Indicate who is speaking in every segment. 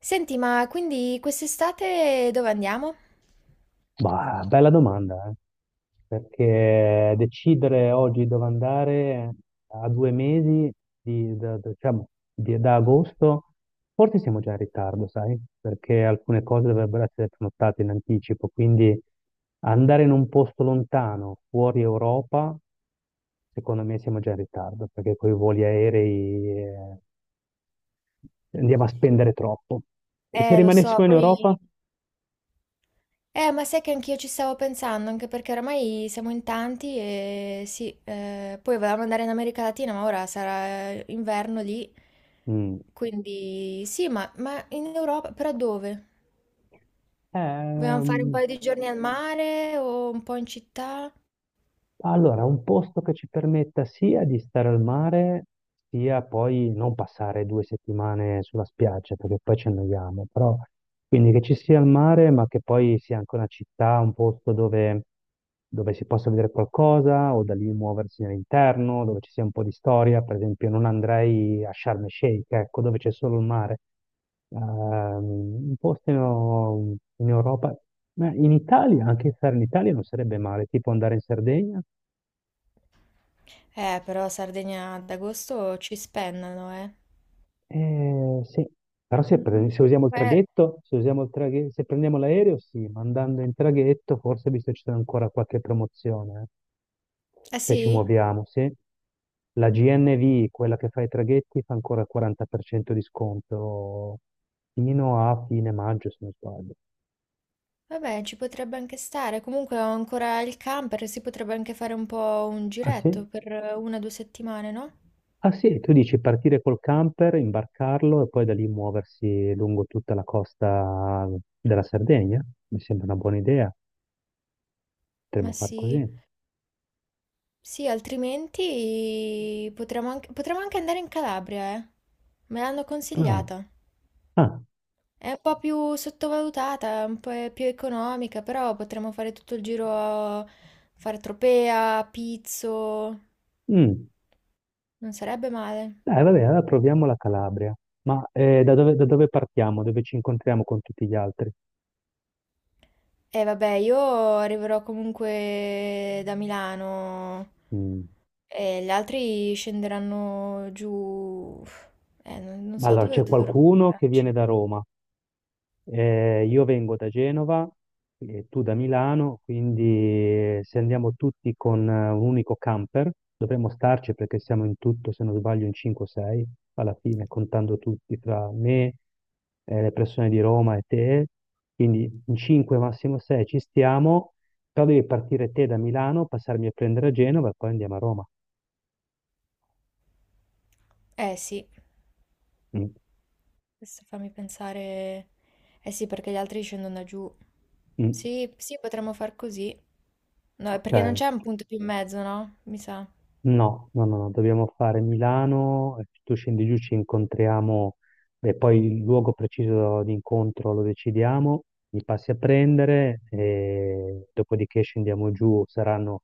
Speaker 1: Senti, ma quindi quest'estate dove andiamo?
Speaker 2: Bah, bella domanda, eh. Perché decidere oggi dove andare a 2 mesi diciamo, da agosto, forse siamo già in ritardo, sai? Perché alcune cose dovrebbero essere prenotate in anticipo, quindi andare in un posto lontano, fuori Europa, secondo me siamo già in ritardo, perché con i voli aerei andiamo a spendere troppo. E se
Speaker 1: Lo so,
Speaker 2: rimanessimo in Europa?
Speaker 1: poi. Ma sai che anch'io ci stavo pensando, anche perché oramai siamo in tanti e sì, poi volevamo andare in America Latina, ma ora sarà inverno lì,
Speaker 2: Mm.
Speaker 1: quindi sì, ma in Europa, però dove? Vogliamo fare un
Speaker 2: Ehm,
Speaker 1: paio di giorni al mare o un po' in città?
Speaker 2: Allora, un posto che ci permetta sia di stare al mare, sia poi non passare 2 settimane sulla spiaggia, perché poi ci annoiamo, però quindi che ci sia il mare, ma che poi sia anche una città, un posto dove si possa vedere qualcosa o da lì muoversi all'interno, dove ci sia un po' di storia, per esempio non andrei a Sharm el Sheikh, ecco, dove c'è solo il mare. Ehm, un posto in Europa, ma in Italia, anche stare in Italia non sarebbe male, tipo andare in Sardegna.
Speaker 1: Però Sardegna ad agosto ci spennano, eh.
Speaker 2: Sì, però
Speaker 1: Mm.
Speaker 2: se usiamo il
Speaker 1: Eh,
Speaker 2: traghetto, se usiamo il traghe- se prendiamo l'aereo, sì, ma andando in traghetto, forse visto ci sono ancora qualche promozione,
Speaker 1: ah
Speaker 2: se ci
Speaker 1: sì?
Speaker 2: muoviamo, sì. La GNV, quella che fa i traghetti, fa ancora il 40% di sconto fino a fine maggio, se non sbaglio.
Speaker 1: Vabbè, ci potrebbe anche stare. Comunque ho ancora il camper, si potrebbe anche fare un po' un
Speaker 2: Ah sì?
Speaker 1: giretto per una o due settimane, no?
Speaker 2: Ah sì, tu dici partire col camper, imbarcarlo e poi da lì muoversi lungo tutta la costa della Sardegna? Mi sembra una buona idea,
Speaker 1: Ma
Speaker 2: potremmo far
Speaker 1: sì,
Speaker 2: così.
Speaker 1: sì, altrimenti potremmo anche andare in Calabria, eh. Me l'hanno
Speaker 2: Ah,
Speaker 1: consigliata.
Speaker 2: ah.
Speaker 1: È un po' più sottovalutata, un po' è più economica, però potremmo fare tutto il giro, a fare Tropea, Pizzo,
Speaker 2: Mm.
Speaker 1: non sarebbe male.
Speaker 2: Vabbè, allora proviamo la Calabria. Ma da dove partiamo? Dove ci incontriamo con tutti gli altri?
Speaker 1: E vabbè, io arriverò comunque da Milano.
Speaker 2: Mm.
Speaker 1: E gli altri scenderanno giù. Non so
Speaker 2: Allora,
Speaker 1: dove
Speaker 2: c'è
Speaker 1: dovremmo
Speaker 2: qualcuno che
Speaker 1: andarci.
Speaker 2: viene da Roma, io vengo da Genova e tu da Milano, quindi se andiamo tutti con un unico camper, dovremmo starci perché siamo in tutto, se non sbaglio, in 5 o 6 alla fine, contando tutti tra me, le persone di Roma e te, quindi in 5 massimo 6 ci stiamo, però devi partire te da Milano, passarmi a prendere a Genova e poi andiamo a Roma.
Speaker 1: Eh sì,
Speaker 2: Mm,
Speaker 1: questo fammi pensare. Eh sì, perché gli altri scendono da giù.
Speaker 2: mm,
Speaker 1: Sì, sì, potremmo far così. No, è perché non
Speaker 2: ok.
Speaker 1: c'è un punto più in mezzo, no? Mi sa.
Speaker 2: No, no, no, no, dobbiamo fare Milano, tu scendi giù, ci incontriamo e poi il luogo preciso di incontro lo decidiamo, mi passi a prendere e dopodiché scendiamo giù, saranno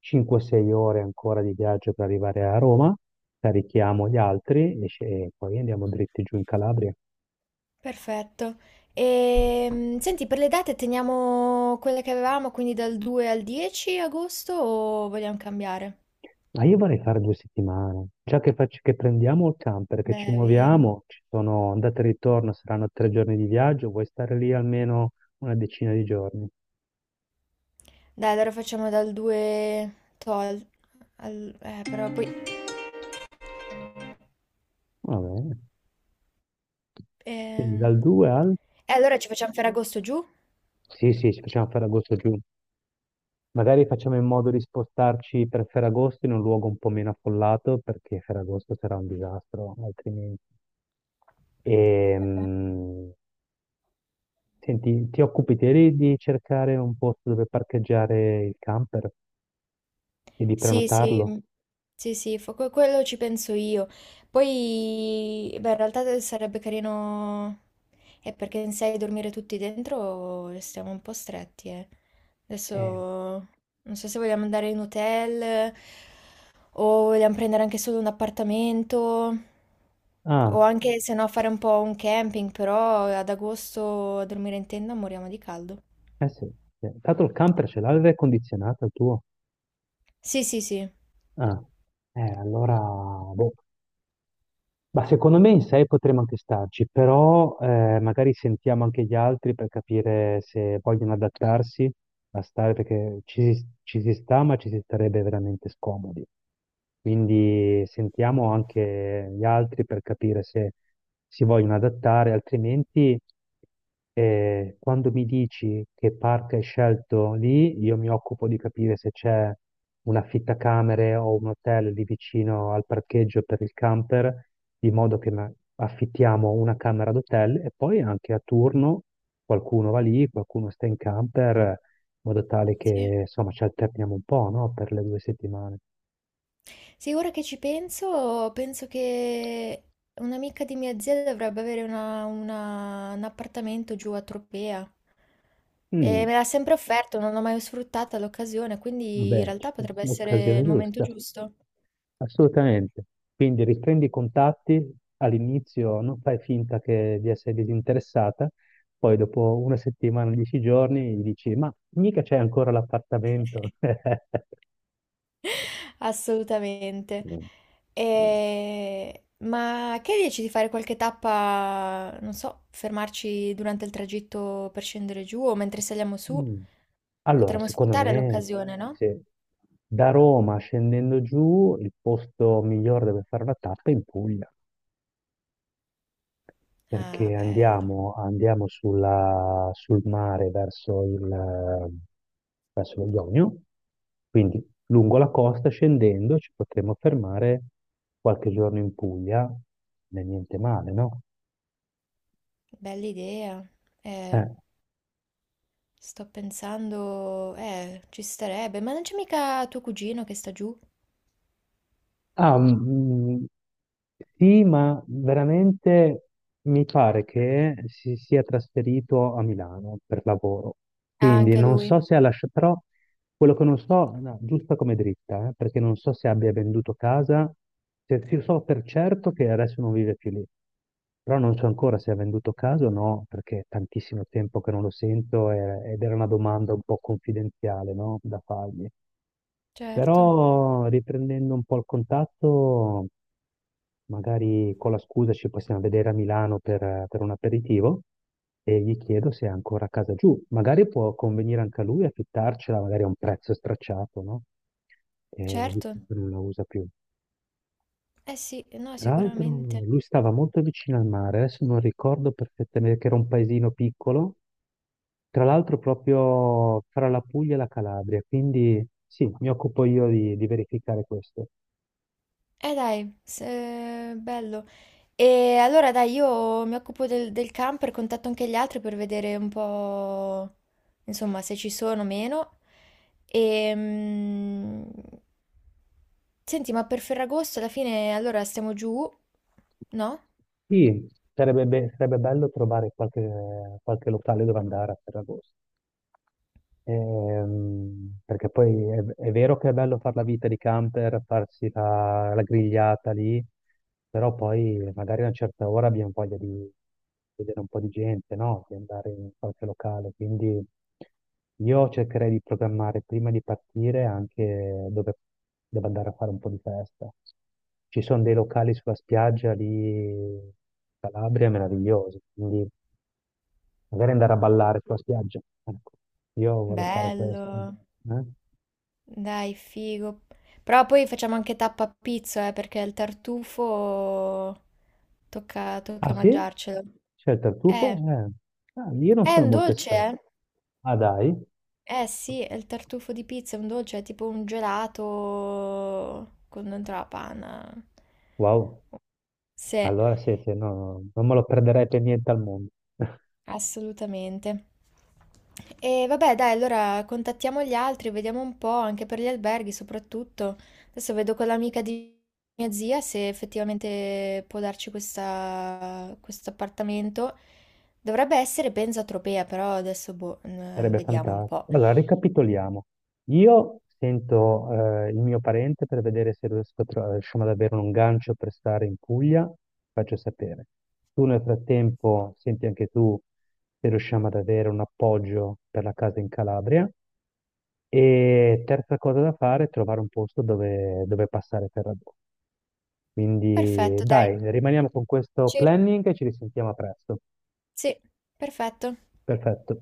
Speaker 2: 5-6 ore ancora di viaggio per arrivare a Roma, carichiamo gli altri e poi andiamo dritti giù in Calabria.
Speaker 1: Perfetto. E, senti, per le date teniamo quelle che avevamo, quindi dal 2 al 10 agosto o vogliamo cambiare?
Speaker 2: Ma io vorrei fare 2 settimane, già che prendiamo il camper, che ci
Speaker 1: Beh, è vero.
Speaker 2: muoviamo, ci sono andate e ritorno, saranno 3 giorni di viaggio, vuoi stare lì almeno una decina di giorni?
Speaker 1: Dai, allora facciamo dal 2 però poi.
Speaker 2: Va bene. Quindi
Speaker 1: ehm,
Speaker 2: dal 2 al...
Speaker 1: E allora ci facciamo Ferragosto giù?
Speaker 2: Sì, sì, ci facciamo Ferragosto giù. Magari facciamo in modo di spostarci per Ferragosto in un luogo un po' meno affollato, perché Ferragosto sarà un disastro, altrimenti. E,
Speaker 1: Eh.
Speaker 2: senti, ti occupi te di cercare un posto dove parcheggiare il camper e di
Speaker 1: Sì, sì,
Speaker 2: prenotarlo?
Speaker 1: mm, sì, sì, quello ci penso io. Poi, beh, in realtà sarebbe carino. Perché in sei dormire tutti dentro restiamo un po' stretti, eh.
Speaker 2: Eh,
Speaker 1: Adesso non so se vogliamo andare in hotel, o vogliamo prendere anche solo un appartamento, o
Speaker 2: ah,
Speaker 1: anche se no fare un po' un camping, però ad agosto a dormire in tenda moriamo di caldo.
Speaker 2: eh sì. Sì. Tanto il camper ce l'ha l'aria condizionata il tuo?
Speaker 1: Sì, sì, sì.
Speaker 2: Ah, allora, boh. Ma secondo me in sei potremmo anche starci, però magari sentiamo anche gli altri per capire se vogliono adattarsi a stare, perché ci si sta, ma ci si starebbe veramente scomodi. Quindi sentiamo anche gli altri per capire se si vogliono adattare, altrimenti... E quando mi dici che parco hai scelto lì, io mi occupo di capire se c'è un affittacamere o un hotel lì vicino al parcheggio per il camper, di modo che affittiamo una camera d'hotel e poi anche a turno qualcuno va lì, qualcuno sta in camper, in modo tale che
Speaker 1: Sì.
Speaker 2: insomma ci alterniamo un po', no? Per le 2 settimane.
Speaker 1: Sì, ora che ci penso, penso che un'amica di mia zia dovrebbe avere un appartamento giù a Tropea. E
Speaker 2: Mm,
Speaker 1: me l'ha sempre offerto, non ho mai sfruttata l'occasione, quindi in
Speaker 2: vabbè,
Speaker 1: realtà potrebbe essere
Speaker 2: l'occasione
Speaker 1: il momento
Speaker 2: giusta.
Speaker 1: giusto.
Speaker 2: Assolutamente. Quindi riprendi i contatti all'inizio, non fai finta che di essere disinteressata, poi dopo una settimana, 10 giorni, gli dici, ma mica c'è ancora l'appartamento.
Speaker 1: Assolutamente.
Speaker 2: Mm.
Speaker 1: E- Ma che dici di fare qualche tappa, non so, fermarci durante il tragitto per scendere giù o mentre saliamo su?
Speaker 2: Mm. Allora,
Speaker 1: Potremmo
Speaker 2: secondo
Speaker 1: sfruttare
Speaker 2: me,
Speaker 1: l'occasione, no?
Speaker 2: se da Roma scendendo giù, il posto migliore dove fare la tappa è in Puglia.
Speaker 1: Ah,
Speaker 2: Perché
Speaker 1: bello,
Speaker 2: andiamo sul mare verso lo Ionio, quindi lungo la costa scendendo ci potremo fermare qualche giorno in Puglia, non è niente male, no?
Speaker 1: bella idea. Eh,
Speaker 2: Eh,
Speaker 1: sto pensando, ci starebbe, ma non c'è mica tuo cugino che sta giù?
Speaker 2: ah, mm, mm, sì, ma veramente mi pare che si sia trasferito a Milano per lavoro.
Speaker 1: Ah,
Speaker 2: Quindi
Speaker 1: anche
Speaker 2: non
Speaker 1: lui.
Speaker 2: so se ha lasciato, però quello che non so, no, giusta come dritta, perché non so se abbia venduto casa, se io so per certo che adesso non vive più lì, però non so ancora se ha venduto casa o no, perché è tantissimo tempo che non lo sento ed era una domanda un po' confidenziale, no, da fargli.
Speaker 1: Certo,
Speaker 2: Però riprendendo un po' il contatto, magari con la scusa ci possiamo vedere a Milano per un aperitivo e gli chiedo se è ancora a casa giù. Magari può convenire anche a lui affittarcela, magari a un prezzo stracciato, no?
Speaker 1: certo.
Speaker 2: Visto che non la usa più.
Speaker 1: Eh sì, no,
Speaker 2: Tra l'altro
Speaker 1: sicuramente.
Speaker 2: lui stava molto vicino al mare, adesso non ricordo perfettamente che era un paesino piccolo, tra l'altro proprio fra la Puglia e la Calabria, quindi sì, mi occupo io di verificare questo.
Speaker 1: Dai, bello. E allora dai, io mi occupo del camper, contatto anche gli altri per vedere un po', insomma, se ci sono o meno. E, senti, ma per Ferragosto alla fine allora stiamo giù, no?
Speaker 2: Sì, sarebbe bello trovare qualche locale dove andare a Ferragosto. Perché poi è vero che è bello fare la vita di camper, farsi la grigliata lì, però poi magari a una certa ora abbiamo voglia di vedere un po' di gente, no? Di andare in qualche locale. Quindi io cercherei di programmare prima di partire anche dove devo andare a fare un po' di festa. Ci sono dei locali sulla spiaggia lì in Calabria meravigliosi, quindi magari andare a ballare sulla spiaggia. Ecco, io vorrei fare questo.
Speaker 1: Bello,
Speaker 2: Eh.
Speaker 1: dai, figo. Però poi facciamo anche tappa a pizzo, perché il tartufo tocca,
Speaker 2: Ah
Speaker 1: tocca
Speaker 2: sì?
Speaker 1: mangiarcelo.
Speaker 2: C'è il tartufo?
Speaker 1: Eh,
Speaker 2: Ah, io non
Speaker 1: è
Speaker 2: sono
Speaker 1: un
Speaker 2: molto
Speaker 1: dolce,
Speaker 2: esperto.
Speaker 1: eh?
Speaker 2: Ah dai?
Speaker 1: Eh sì, è il tartufo di pizza, è un dolce, è tipo un gelato con dentro la panna.
Speaker 2: Wow.
Speaker 1: Sì,
Speaker 2: Allora sì, sì, no, no, non me lo perderei per niente al mondo.
Speaker 1: assolutamente. E vabbè, dai, allora contattiamo gli altri, vediamo un po', anche per gli alberghi soprattutto. Adesso vedo con l'amica di mia zia se effettivamente può darci questo appartamento. Dovrebbe essere, penso, a Tropea, però adesso boh,
Speaker 2: Sarebbe
Speaker 1: vediamo un po'.
Speaker 2: fantastico. Allora, ricapitoliamo. Io sento il mio parente per vedere se riusciamo ad avere un gancio per stare in Puglia, faccio sapere. Tu nel frattempo senti anche tu se riusciamo ad avere un appoggio per la casa in Calabria. E terza cosa da fare è trovare un posto dove passare per Ferragosto. Quindi
Speaker 1: Perfetto, dai.
Speaker 2: dai, rimaniamo con questo
Speaker 1: Ci-
Speaker 2: planning e ci risentiamo a presto.
Speaker 1: Sì, perfetto.
Speaker 2: Perfetto.